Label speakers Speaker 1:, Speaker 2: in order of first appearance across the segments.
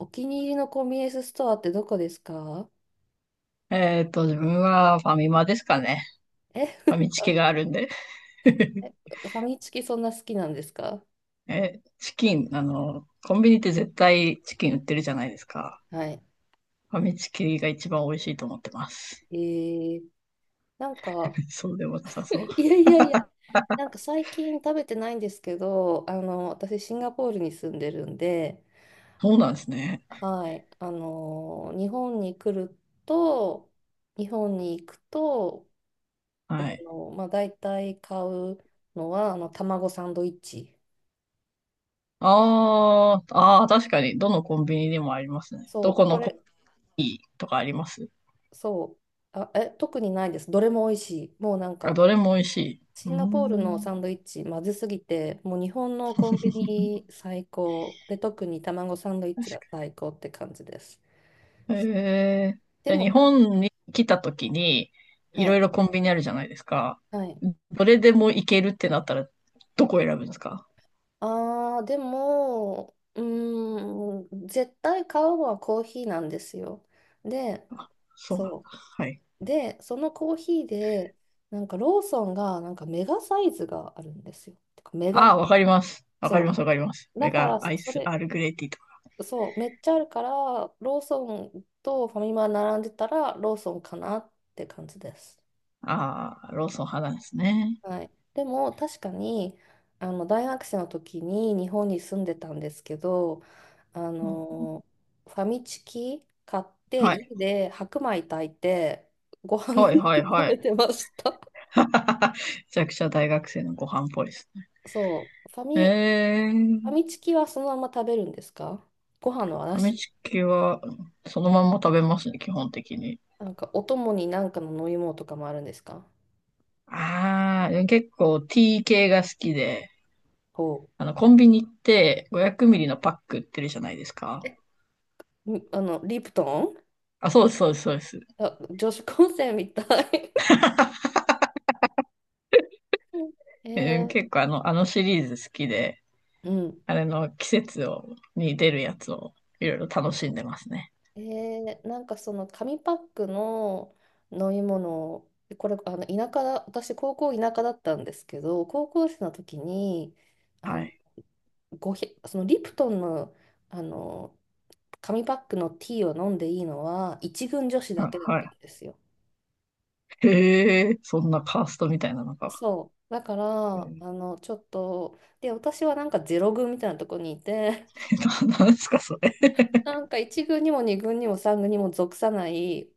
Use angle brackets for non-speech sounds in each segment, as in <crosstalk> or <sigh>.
Speaker 1: お気に入りのコンビニエンスストアってどこですか？
Speaker 2: 自分はファミマですかね。
Speaker 1: え、
Speaker 2: ファミチキがあるんで。<laughs>
Speaker 1: <laughs> ファミチキそんな好きなんですか？
Speaker 2: チキン、コンビニって絶対チキン売ってるじゃないですか。
Speaker 1: はい。
Speaker 2: ファミチキが一番美味しいと思ってます。
Speaker 1: えー、なんか、
Speaker 2: <laughs> そうでもなさそう。
Speaker 1: <laughs> いやいやいや、なんか最近食べてないんですけど、私シンガポールに住んでるんで、
Speaker 2: そうなんですね。
Speaker 1: はい、と、日本に行くと、
Speaker 2: はい。
Speaker 1: まあ、大体買うのは、卵サンドイッチ。
Speaker 2: あー、あー、確かに、どのコンビニでもありますね。ど
Speaker 1: そ
Speaker 2: こ
Speaker 1: う、こ
Speaker 2: のコ
Speaker 1: れ、
Speaker 2: ピーとかあります？
Speaker 1: そう。あ、え、特にないです。どれも美味しい。もうなん
Speaker 2: あ、
Speaker 1: か、
Speaker 2: どれも美味しい。う
Speaker 1: シ
Speaker 2: ー
Speaker 1: ンガポールの
Speaker 2: ん。
Speaker 1: サンドイッチ、まずすぎて、もう日本のコンビニ最高。で、特に卵サンドイッチが最高って感じです。
Speaker 2: へえ。
Speaker 1: で
Speaker 2: じゃあ
Speaker 1: も、
Speaker 2: 日本に来た時に、い
Speaker 1: は
Speaker 2: ろ
Speaker 1: い、
Speaker 2: いろコンビニあるじゃないですか。
Speaker 1: はい。
Speaker 2: どれでも行けるってなったら、どこ選ぶんですか？
Speaker 1: ああでも、うーん、絶対買うのはコーヒーなんですよ。で、
Speaker 2: そうなんだ。
Speaker 1: そ
Speaker 2: はい。
Speaker 1: う。で、そのコーヒーで、なんかローソンが、なんかメガサイズがあるんですよ。てかメガ、
Speaker 2: ああ、わかります。わかりま
Speaker 1: そ
Speaker 2: す、わかります。
Speaker 1: う。だ
Speaker 2: メ
Speaker 1: か
Speaker 2: ガ
Speaker 1: ら
Speaker 2: アイ
Speaker 1: そ
Speaker 2: ス、ア
Speaker 1: れ、
Speaker 2: ールグレイティーとか。
Speaker 1: そう、めっちゃあるから、ローソンとファミマ並んでたら、ローソンかなって感じです。
Speaker 2: ああ、ローソン派なんですね。
Speaker 1: はい。でも、確かに、大学生の時に日本に住んでたんですけど、あ
Speaker 2: うん、
Speaker 1: の、ファミチキ買って、
Speaker 2: は
Speaker 1: 家
Speaker 2: い。
Speaker 1: で白米炊いて、ご飯に
Speaker 2: はい、
Speaker 1: し
Speaker 2: は
Speaker 1: て
Speaker 2: い、
Speaker 1: 食
Speaker 2: はい。
Speaker 1: べてました。
Speaker 2: <laughs> めちゃくちゃ大学生のご飯っぽいですね。
Speaker 1: そう、
Speaker 2: え
Speaker 1: ファ
Speaker 2: ー、
Speaker 1: ミチキはそのまま食べるんですか？ご飯の
Speaker 2: ファミ
Speaker 1: 話。
Speaker 2: チキはそのまんま食べますね、基本的に。
Speaker 1: なんか、お供になんかの飲み物とかもあるんですか？
Speaker 2: ああ、でも結構 T 系が好きで、
Speaker 1: ほう。
Speaker 2: コンビニ行って500
Speaker 1: は
Speaker 2: ミ
Speaker 1: い、
Speaker 2: リのパック売ってるじゃないですか。
Speaker 1: リプトン。
Speaker 2: あ、そうです、そうです、そうです。
Speaker 1: あ、女子高生みたい。<laughs> え
Speaker 2: うん、
Speaker 1: ー、
Speaker 2: 結構あのシリーズ好きで、
Speaker 1: うん。
Speaker 2: あれの季節を、に出るやつをいろいろ楽しんでますね。
Speaker 1: なんかその紙パックの飲み物、これ、田舎だ、私、高校田舎だったんですけど、高校生の時に、あ
Speaker 2: は
Speaker 1: の、
Speaker 2: い。
Speaker 1: そのリプトンの、あの、紙パックのティーを飲んでいいのは、一軍女子だ
Speaker 2: は
Speaker 1: けだった
Speaker 2: は
Speaker 1: んですよ。
Speaker 2: い。へえ、そんなカーストみたいなのか。
Speaker 1: そう。だか
Speaker 2: う
Speaker 1: ら、
Speaker 2: ん、
Speaker 1: ちょっと、で、私はなんかゼロ軍みたいなとこにいて、
Speaker 2: <laughs> なんですか、それ。
Speaker 1: なんか一軍にも二軍にも三軍にも属さない、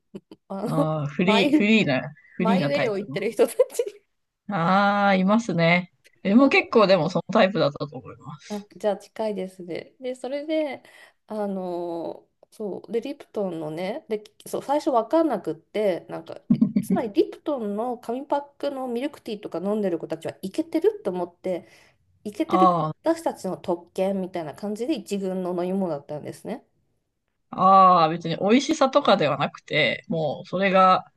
Speaker 1: あの、
Speaker 2: ああ、
Speaker 1: マイ、
Speaker 2: フリ
Speaker 1: マ
Speaker 2: ー
Speaker 1: イウ
Speaker 2: な
Speaker 1: ェ
Speaker 2: タ
Speaker 1: イ
Speaker 2: イ
Speaker 1: を言
Speaker 2: プ
Speaker 1: っ
Speaker 2: の。
Speaker 1: てる人たち、
Speaker 2: ああ、いますね。でも結
Speaker 1: そ
Speaker 2: 構でもそのタイプだったと思いま
Speaker 1: う、あ、
Speaker 2: す。
Speaker 1: じゃあ近いですね。で、それで、あのそう、で、リプトンのね、で、そう、最初分かんなくって、なんか、つまりリプトンの紙パックのミルクティーとか飲んでる子たちはイケてると思って、イケてる
Speaker 2: あ
Speaker 1: 私たちの特権みたいな感じで一軍の飲み物だったんですね。
Speaker 2: あ、ああ、別に美味しさとかではなくて、もうそれが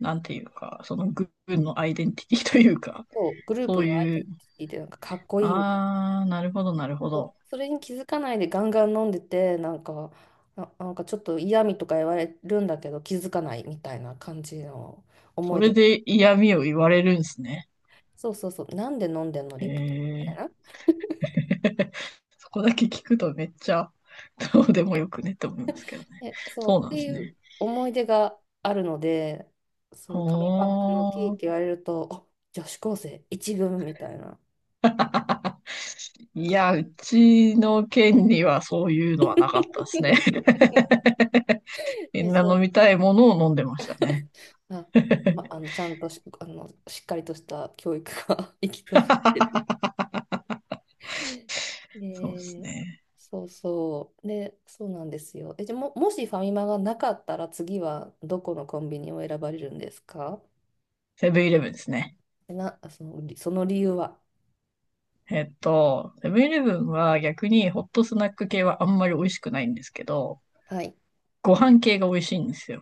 Speaker 2: なんていうか、その軍のアイデンティティというか、
Speaker 1: そう、グルー
Speaker 2: そ
Speaker 1: プ
Speaker 2: う
Speaker 1: のアイデ
Speaker 2: い
Speaker 1: ン
Speaker 2: う、
Speaker 1: ティティでなんかかっこいいみたいな。
Speaker 2: なるほど、なるほ
Speaker 1: そう、
Speaker 2: ど。
Speaker 1: それに気づかないでガンガン飲んでて、なんかなんかちょっと嫌味とか言われるんだけど気づかないみたいな感じの
Speaker 2: そ
Speaker 1: 思い
Speaker 2: れ
Speaker 1: 出が、
Speaker 2: で嫌味を言われるんですね。
Speaker 1: そうそうそう、なんで飲んでんの
Speaker 2: え
Speaker 1: リプトンみたい
Speaker 2: ー、
Speaker 1: な。
Speaker 2: <laughs> そこだけ聞くとめっちゃどうでもよくねって思いますけどね。
Speaker 1: え、そ
Speaker 2: そ
Speaker 1: う
Speaker 2: う
Speaker 1: っ
Speaker 2: な
Speaker 1: て
Speaker 2: んで
Speaker 1: い
Speaker 2: す
Speaker 1: う
Speaker 2: ね。
Speaker 1: 思い出があるので、そう、紙パックのティー
Speaker 2: お
Speaker 1: って
Speaker 2: ー、
Speaker 1: 言われると、あ、女子高生一軍みたいな。
Speaker 2: いや、うちの県にはそういうのはなかったですね。
Speaker 1: <laughs>
Speaker 2: <laughs> み
Speaker 1: で、
Speaker 2: んな
Speaker 1: そ
Speaker 2: 飲
Speaker 1: う、
Speaker 2: みたいものを飲んでましたね。
Speaker 1: あ、ま、
Speaker 2: <laughs>
Speaker 1: ちゃんとし、しっかりとした教育が <laughs> 行き届え
Speaker 2: そうです
Speaker 1: ー
Speaker 2: ね。
Speaker 1: そうそう。で、そうなんですよ。え、じゃあもしファミマがなかったら次はどこのコンビニを選ばれるんですか？
Speaker 2: セブンイレブンですね。
Speaker 1: え、その理由は？
Speaker 2: セブンイレブンは逆にホットスナック系はあんまり美味しくないんですけど、
Speaker 1: はい。
Speaker 2: ご飯系が美味しいんですよ。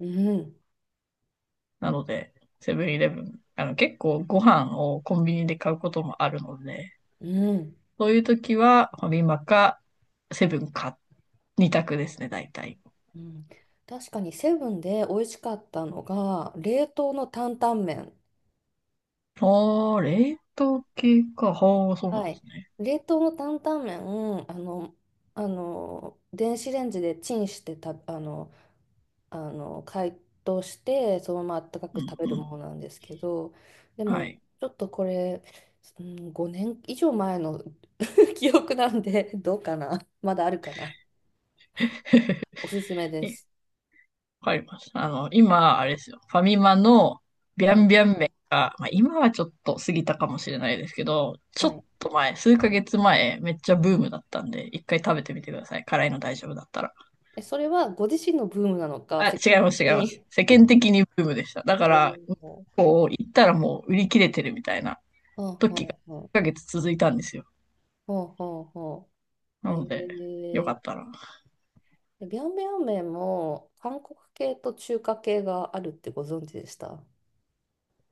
Speaker 1: うん、
Speaker 2: なので、セブンイレブン、結構ご飯をコンビニで買うこともあるので、
Speaker 1: うん、
Speaker 2: そういう時はファミマかセブンか2択ですね、大体。
Speaker 1: うん。確かにセブンで美味しかったのが、冷凍の担々麺。
Speaker 2: あー、冷凍系か。はあ、そうなん
Speaker 1: は
Speaker 2: で
Speaker 1: い。
Speaker 2: すね。
Speaker 1: 冷凍の担々麺、あの、電子レンジでチンしてた、解凍してそのままあったか
Speaker 2: う
Speaker 1: く
Speaker 2: ん
Speaker 1: 食べる
Speaker 2: う
Speaker 1: もの
Speaker 2: ん。
Speaker 1: なんですけど、で
Speaker 2: は
Speaker 1: も
Speaker 2: い。
Speaker 1: ちょっとこれ、うん、5年以上前の <laughs> 記憶なんで、どうかなまだあるかな。おすすめで
Speaker 2: え、
Speaker 1: す。
Speaker 2: わかります。今、あれですよ。ファミマのビ
Speaker 1: は
Speaker 2: ャ
Speaker 1: い、
Speaker 2: ンビャン麺が、まあ、今はちょっと過ぎたかもしれないですけど、ちょ
Speaker 1: は
Speaker 2: っ
Speaker 1: い、
Speaker 2: と前、数ヶ月前、めっちゃブームだったんで、一回食べてみてください。辛いの大丈夫だったら。
Speaker 1: え、それはご自身のブームなのか
Speaker 2: あ、
Speaker 1: 世間
Speaker 2: 違います、違い
Speaker 1: 的
Speaker 2: ます。
Speaker 1: に？
Speaker 2: 世間的にブームでした。だ
Speaker 1: <laughs> あ、
Speaker 2: か
Speaker 1: お
Speaker 2: ら、
Speaker 1: ー、は
Speaker 2: こう、行ったらもう売り切れてるみたいな
Speaker 1: あはあ
Speaker 2: 時が、
Speaker 1: は
Speaker 2: 数ヶ
Speaker 1: あ、
Speaker 2: 月続いたんですよ。
Speaker 1: ほうほうほう。
Speaker 2: なので、よか
Speaker 1: ー、
Speaker 2: ったら、
Speaker 1: ビャンビャン麺も韓国系と中華系があるってご存知でした？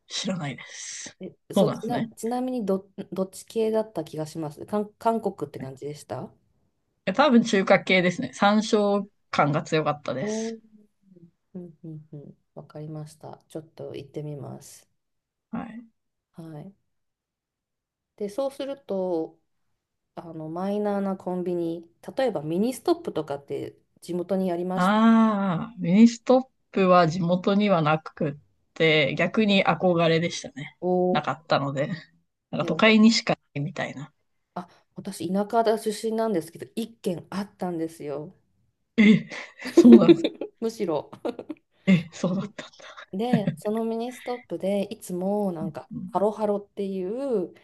Speaker 2: 知らないです。
Speaker 1: え、
Speaker 2: そ
Speaker 1: そ
Speaker 2: う
Speaker 1: う、
Speaker 2: なんですね。
Speaker 1: ちなみにどっち系だった気がします。韓国って感じでした？
Speaker 2: え、多分中華系ですね。山椒感が強かったで
Speaker 1: おー、
Speaker 2: す。
Speaker 1: うんうんうん。わかりました。ちょっと行ってみます。
Speaker 2: はい。
Speaker 1: はい。で、そうすると、マイナーなコンビニ、例えばミニストップとかって地元にありまして、
Speaker 2: ああ、ミニストップは地元にはなくって、逆
Speaker 1: はい、
Speaker 2: に憧れでしたね。
Speaker 1: お
Speaker 2: なか
Speaker 1: ー、
Speaker 2: ったので。なん
Speaker 1: い
Speaker 2: か
Speaker 1: や、
Speaker 2: 都
Speaker 1: わ
Speaker 2: 会
Speaker 1: た
Speaker 2: にしかないみたいな。
Speaker 1: あ、私、田舎だ出身なんですけど、一軒あったんですよ。
Speaker 2: え、そうなんですか。
Speaker 1: <laughs> むしろ。
Speaker 2: え、そうだったんだ。
Speaker 1: で、そのミニストップで、いつもなんか、
Speaker 2: う
Speaker 1: ハロ
Speaker 2: ん。
Speaker 1: ハロっていう、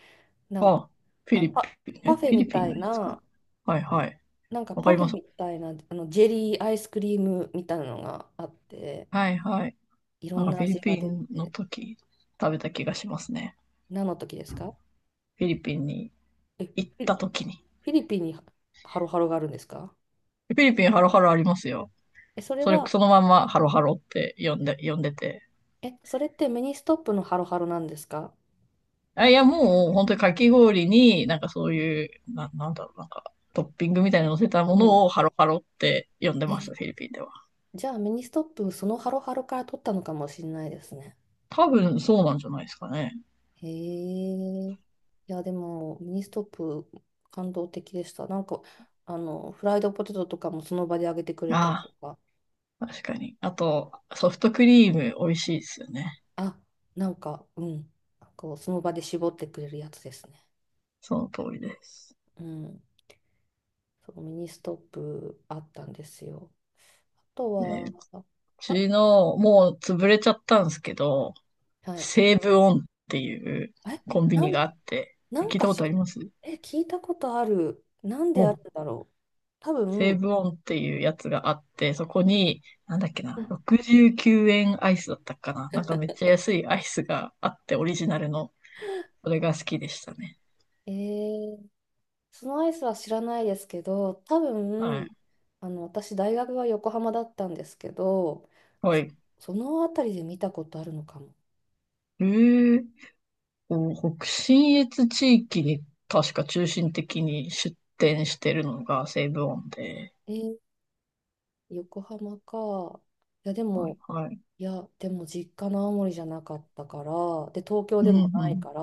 Speaker 1: なんか
Speaker 2: あ、
Speaker 1: あのパ、パフェ
Speaker 2: フィリ
Speaker 1: み
Speaker 2: ピ
Speaker 1: た
Speaker 2: ン
Speaker 1: い
Speaker 2: のやつかな。
Speaker 1: な、
Speaker 2: はいはい。
Speaker 1: なんか
Speaker 2: わか
Speaker 1: パ
Speaker 2: り
Speaker 1: フェ
Speaker 2: ます。
Speaker 1: みたいなジェリーアイスクリームみたいなのがあって、
Speaker 2: はいはい。
Speaker 1: いろ
Speaker 2: なん
Speaker 1: ん
Speaker 2: か
Speaker 1: な
Speaker 2: フィリ
Speaker 1: 味が
Speaker 2: ピ
Speaker 1: 出
Speaker 2: ンの
Speaker 1: て、
Speaker 2: 時食べた気がしますね。
Speaker 1: 何の時ですか？
Speaker 2: フィリピンに
Speaker 1: え、
Speaker 2: 行っ
Speaker 1: ィ
Speaker 2: た時に。
Speaker 1: フィリピンにハロハロがあるんですか？
Speaker 2: フィリピンハロハロありますよ。
Speaker 1: え、それ
Speaker 2: それ、
Speaker 1: は、
Speaker 2: そのまんまハロハロって呼んでて。
Speaker 1: え、それってミニストップのハロハロなんですか？
Speaker 2: あ、いや、もう、本当にかき氷に、なんかそういう、なんだろう、なんか、トッピングみたいに乗せた
Speaker 1: う
Speaker 2: も
Speaker 1: ん。
Speaker 2: のをハロハロって呼んでます、
Speaker 1: え、
Speaker 2: フィリピンでは。
Speaker 1: じゃあミニストップ、そのハロハロから取ったのかもしれないですね。
Speaker 2: 多分そうなんじゃないですかね。
Speaker 1: へえ。いや、でも、ミニストップ、感動的でした。なんか、フライドポテトとかもその場で揚げてくれたりと
Speaker 2: あ
Speaker 1: か、
Speaker 2: あ、確かに。あと、ソフトクリーム美味しいですよね。
Speaker 1: あ、なんか、うん、こう、その場で絞ってくれるやつですね。
Speaker 2: その通りです。
Speaker 1: うん。そう、ミニストップあったんですよ。あと
Speaker 2: で、
Speaker 1: は、
Speaker 2: う
Speaker 1: あ、
Speaker 2: ちの、もう潰れちゃったんですけど、
Speaker 1: はい。
Speaker 2: 西武オンっていう
Speaker 1: え、
Speaker 2: コンビ
Speaker 1: な
Speaker 2: ニが
Speaker 1: ん、
Speaker 2: あって、
Speaker 1: なん
Speaker 2: 聞い
Speaker 1: か
Speaker 2: たこ
Speaker 1: し、
Speaker 2: とあります？
Speaker 1: え、聞いたことある。なんで
Speaker 2: お、
Speaker 1: あるんだろう。多
Speaker 2: セー
Speaker 1: 分、
Speaker 2: ブオンっていうやつがあって、そこに、なんだっけ
Speaker 1: う
Speaker 2: な、
Speaker 1: ん、
Speaker 2: 69円アイスだったかな。なんかめっちゃ安いアイスがあって、オリジナルの。それが好きでしたね。
Speaker 1: え、そのアイスは知らないですけど、多
Speaker 2: は
Speaker 1: 分、
Speaker 2: い。
Speaker 1: 私、大学は横浜だったんですけど、
Speaker 2: はい。
Speaker 1: そそのあたりで見たことあるのかも。
Speaker 2: えー、北信越地域に確か中心的に出店してるのがセーブオンで。
Speaker 1: えー横浜か。いや、で
Speaker 2: はい、
Speaker 1: も、
Speaker 2: はい。
Speaker 1: いや、でも実家の青森じゃなかったから、で、東京
Speaker 2: う
Speaker 1: で
Speaker 2: ん、
Speaker 1: も
Speaker 2: う
Speaker 1: ない
Speaker 2: ん。
Speaker 1: から、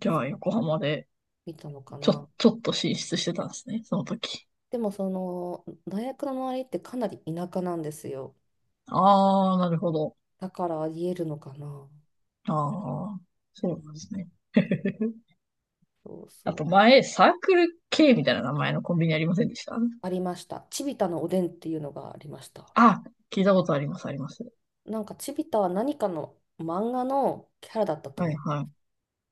Speaker 2: じゃあ、横浜で、
Speaker 1: 見たのか
Speaker 2: ちょ、
Speaker 1: な。
Speaker 2: ちょっと進出してたんですね、その時。
Speaker 1: でも、その、大学の周りってかなり田舎なんですよ。
Speaker 2: ああ、なるほど。
Speaker 1: だからありえるのかな。
Speaker 2: ああ、そうなん
Speaker 1: う
Speaker 2: で
Speaker 1: ん、
Speaker 2: すね。<laughs>
Speaker 1: そう
Speaker 2: あ
Speaker 1: そ
Speaker 2: と
Speaker 1: う。
Speaker 2: 前、サークル K みたいな名前のコンビニありませんでした？
Speaker 1: ありました。チビタのおでんっていうのがありました。
Speaker 2: あ、聞いたことあります、あります。
Speaker 1: なんかチビタは何かの漫画のキャラだったと
Speaker 2: はい、
Speaker 1: 思う。
Speaker 2: はい。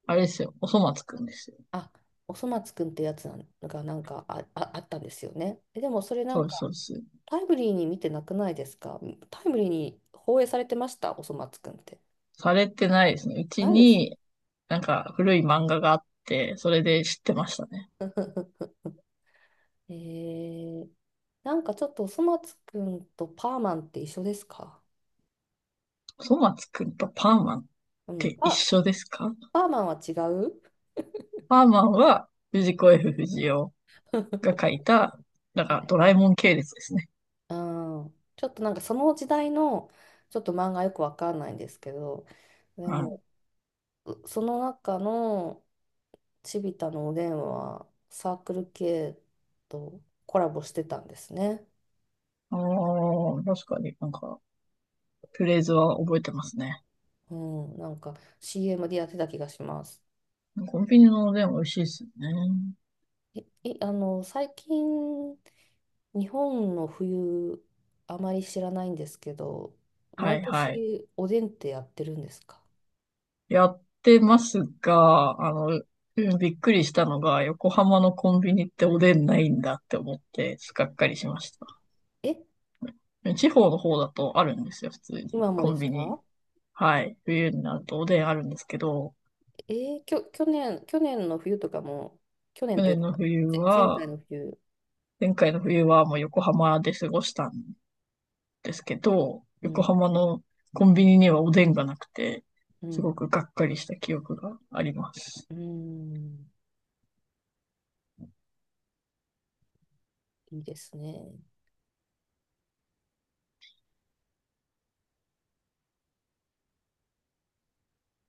Speaker 2: あれですよ。おそ松くんですよ。
Speaker 1: あ、おそ松くんってやつなんか、あ、あ、あったんですよね。え、でもそれな
Speaker 2: そう
Speaker 1: ん
Speaker 2: です、
Speaker 1: か
Speaker 2: そうです。
Speaker 1: タイムリーに見てなくないですか？タイムリーに放映されてました、おそ松くんって。
Speaker 2: されてないですね。うち
Speaker 1: ないです。
Speaker 2: に、なんか古い漫画があって、それで知ってましたね。
Speaker 1: <laughs> えー、なんかちょっとおそ松くんとパーマンって一緒ですか？
Speaker 2: おそ松くんとパーマンっ
Speaker 1: うん。
Speaker 2: て一
Speaker 1: あ、
Speaker 2: 緒ですか？
Speaker 1: パーマンは違う。
Speaker 2: パーマンは藤子 F 不二雄が
Speaker 1: <laughs>
Speaker 2: 書いた、なん
Speaker 1: は
Speaker 2: か
Speaker 1: い。
Speaker 2: ドラえもん系列ですね。
Speaker 1: うん。ちょっとなんかその時代の、ちょっと漫画よくわかんないんですけど、で
Speaker 2: はい。
Speaker 1: もその中のチビタのおでんはサークル系とコラボしてたんですね。
Speaker 2: ああ、確かになんか、フレーズは覚えてますね。
Speaker 1: うん、なんか CM でやってた気がします。
Speaker 2: コンビニのおでん美味しいですよね。
Speaker 1: え、え、最近日本の冬あまり知らないんですけど、
Speaker 2: は
Speaker 1: 毎
Speaker 2: いはい。
Speaker 1: 年おでんってやってるんですか？
Speaker 2: やってますが、びっくりしたのが、横浜のコンビニっておでんないんだって思って、がっかりしまし
Speaker 1: え、
Speaker 2: た。地方の方だとあるんですよ、普通に。
Speaker 1: 今も
Speaker 2: コ
Speaker 1: で
Speaker 2: ン
Speaker 1: す
Speaker 2: ビニ。
Speaker 1: か？
Speaker 2: はい。冬になるとおでんあるんですけど、
Speaker 1: え去年、去年の冬とかも、去年
Speaker 2: 去
Speaker 1: とい
Speaker 2: 年
Speaker 1: う
Speaker 2: の
Speaker 1: か、
Speaker 2: 冬
Speaker 1: 前
Speaker 2: は、
Speaker 1: 回の冬、
Speaker 2: 前回の冬はもう横浜で過ごしたんですけど、
Speaker 1: う
Speaker 2: 横
Speaker 1: ん、
Speaker 2: 浜のコンビニにはおでんがなくて、
Speaker 1: う
Speaker 2: す
Speaker 1: ん、
Speaker 2: ごくがっかりした記憶があります。
Speaker 1: うん、いいですね。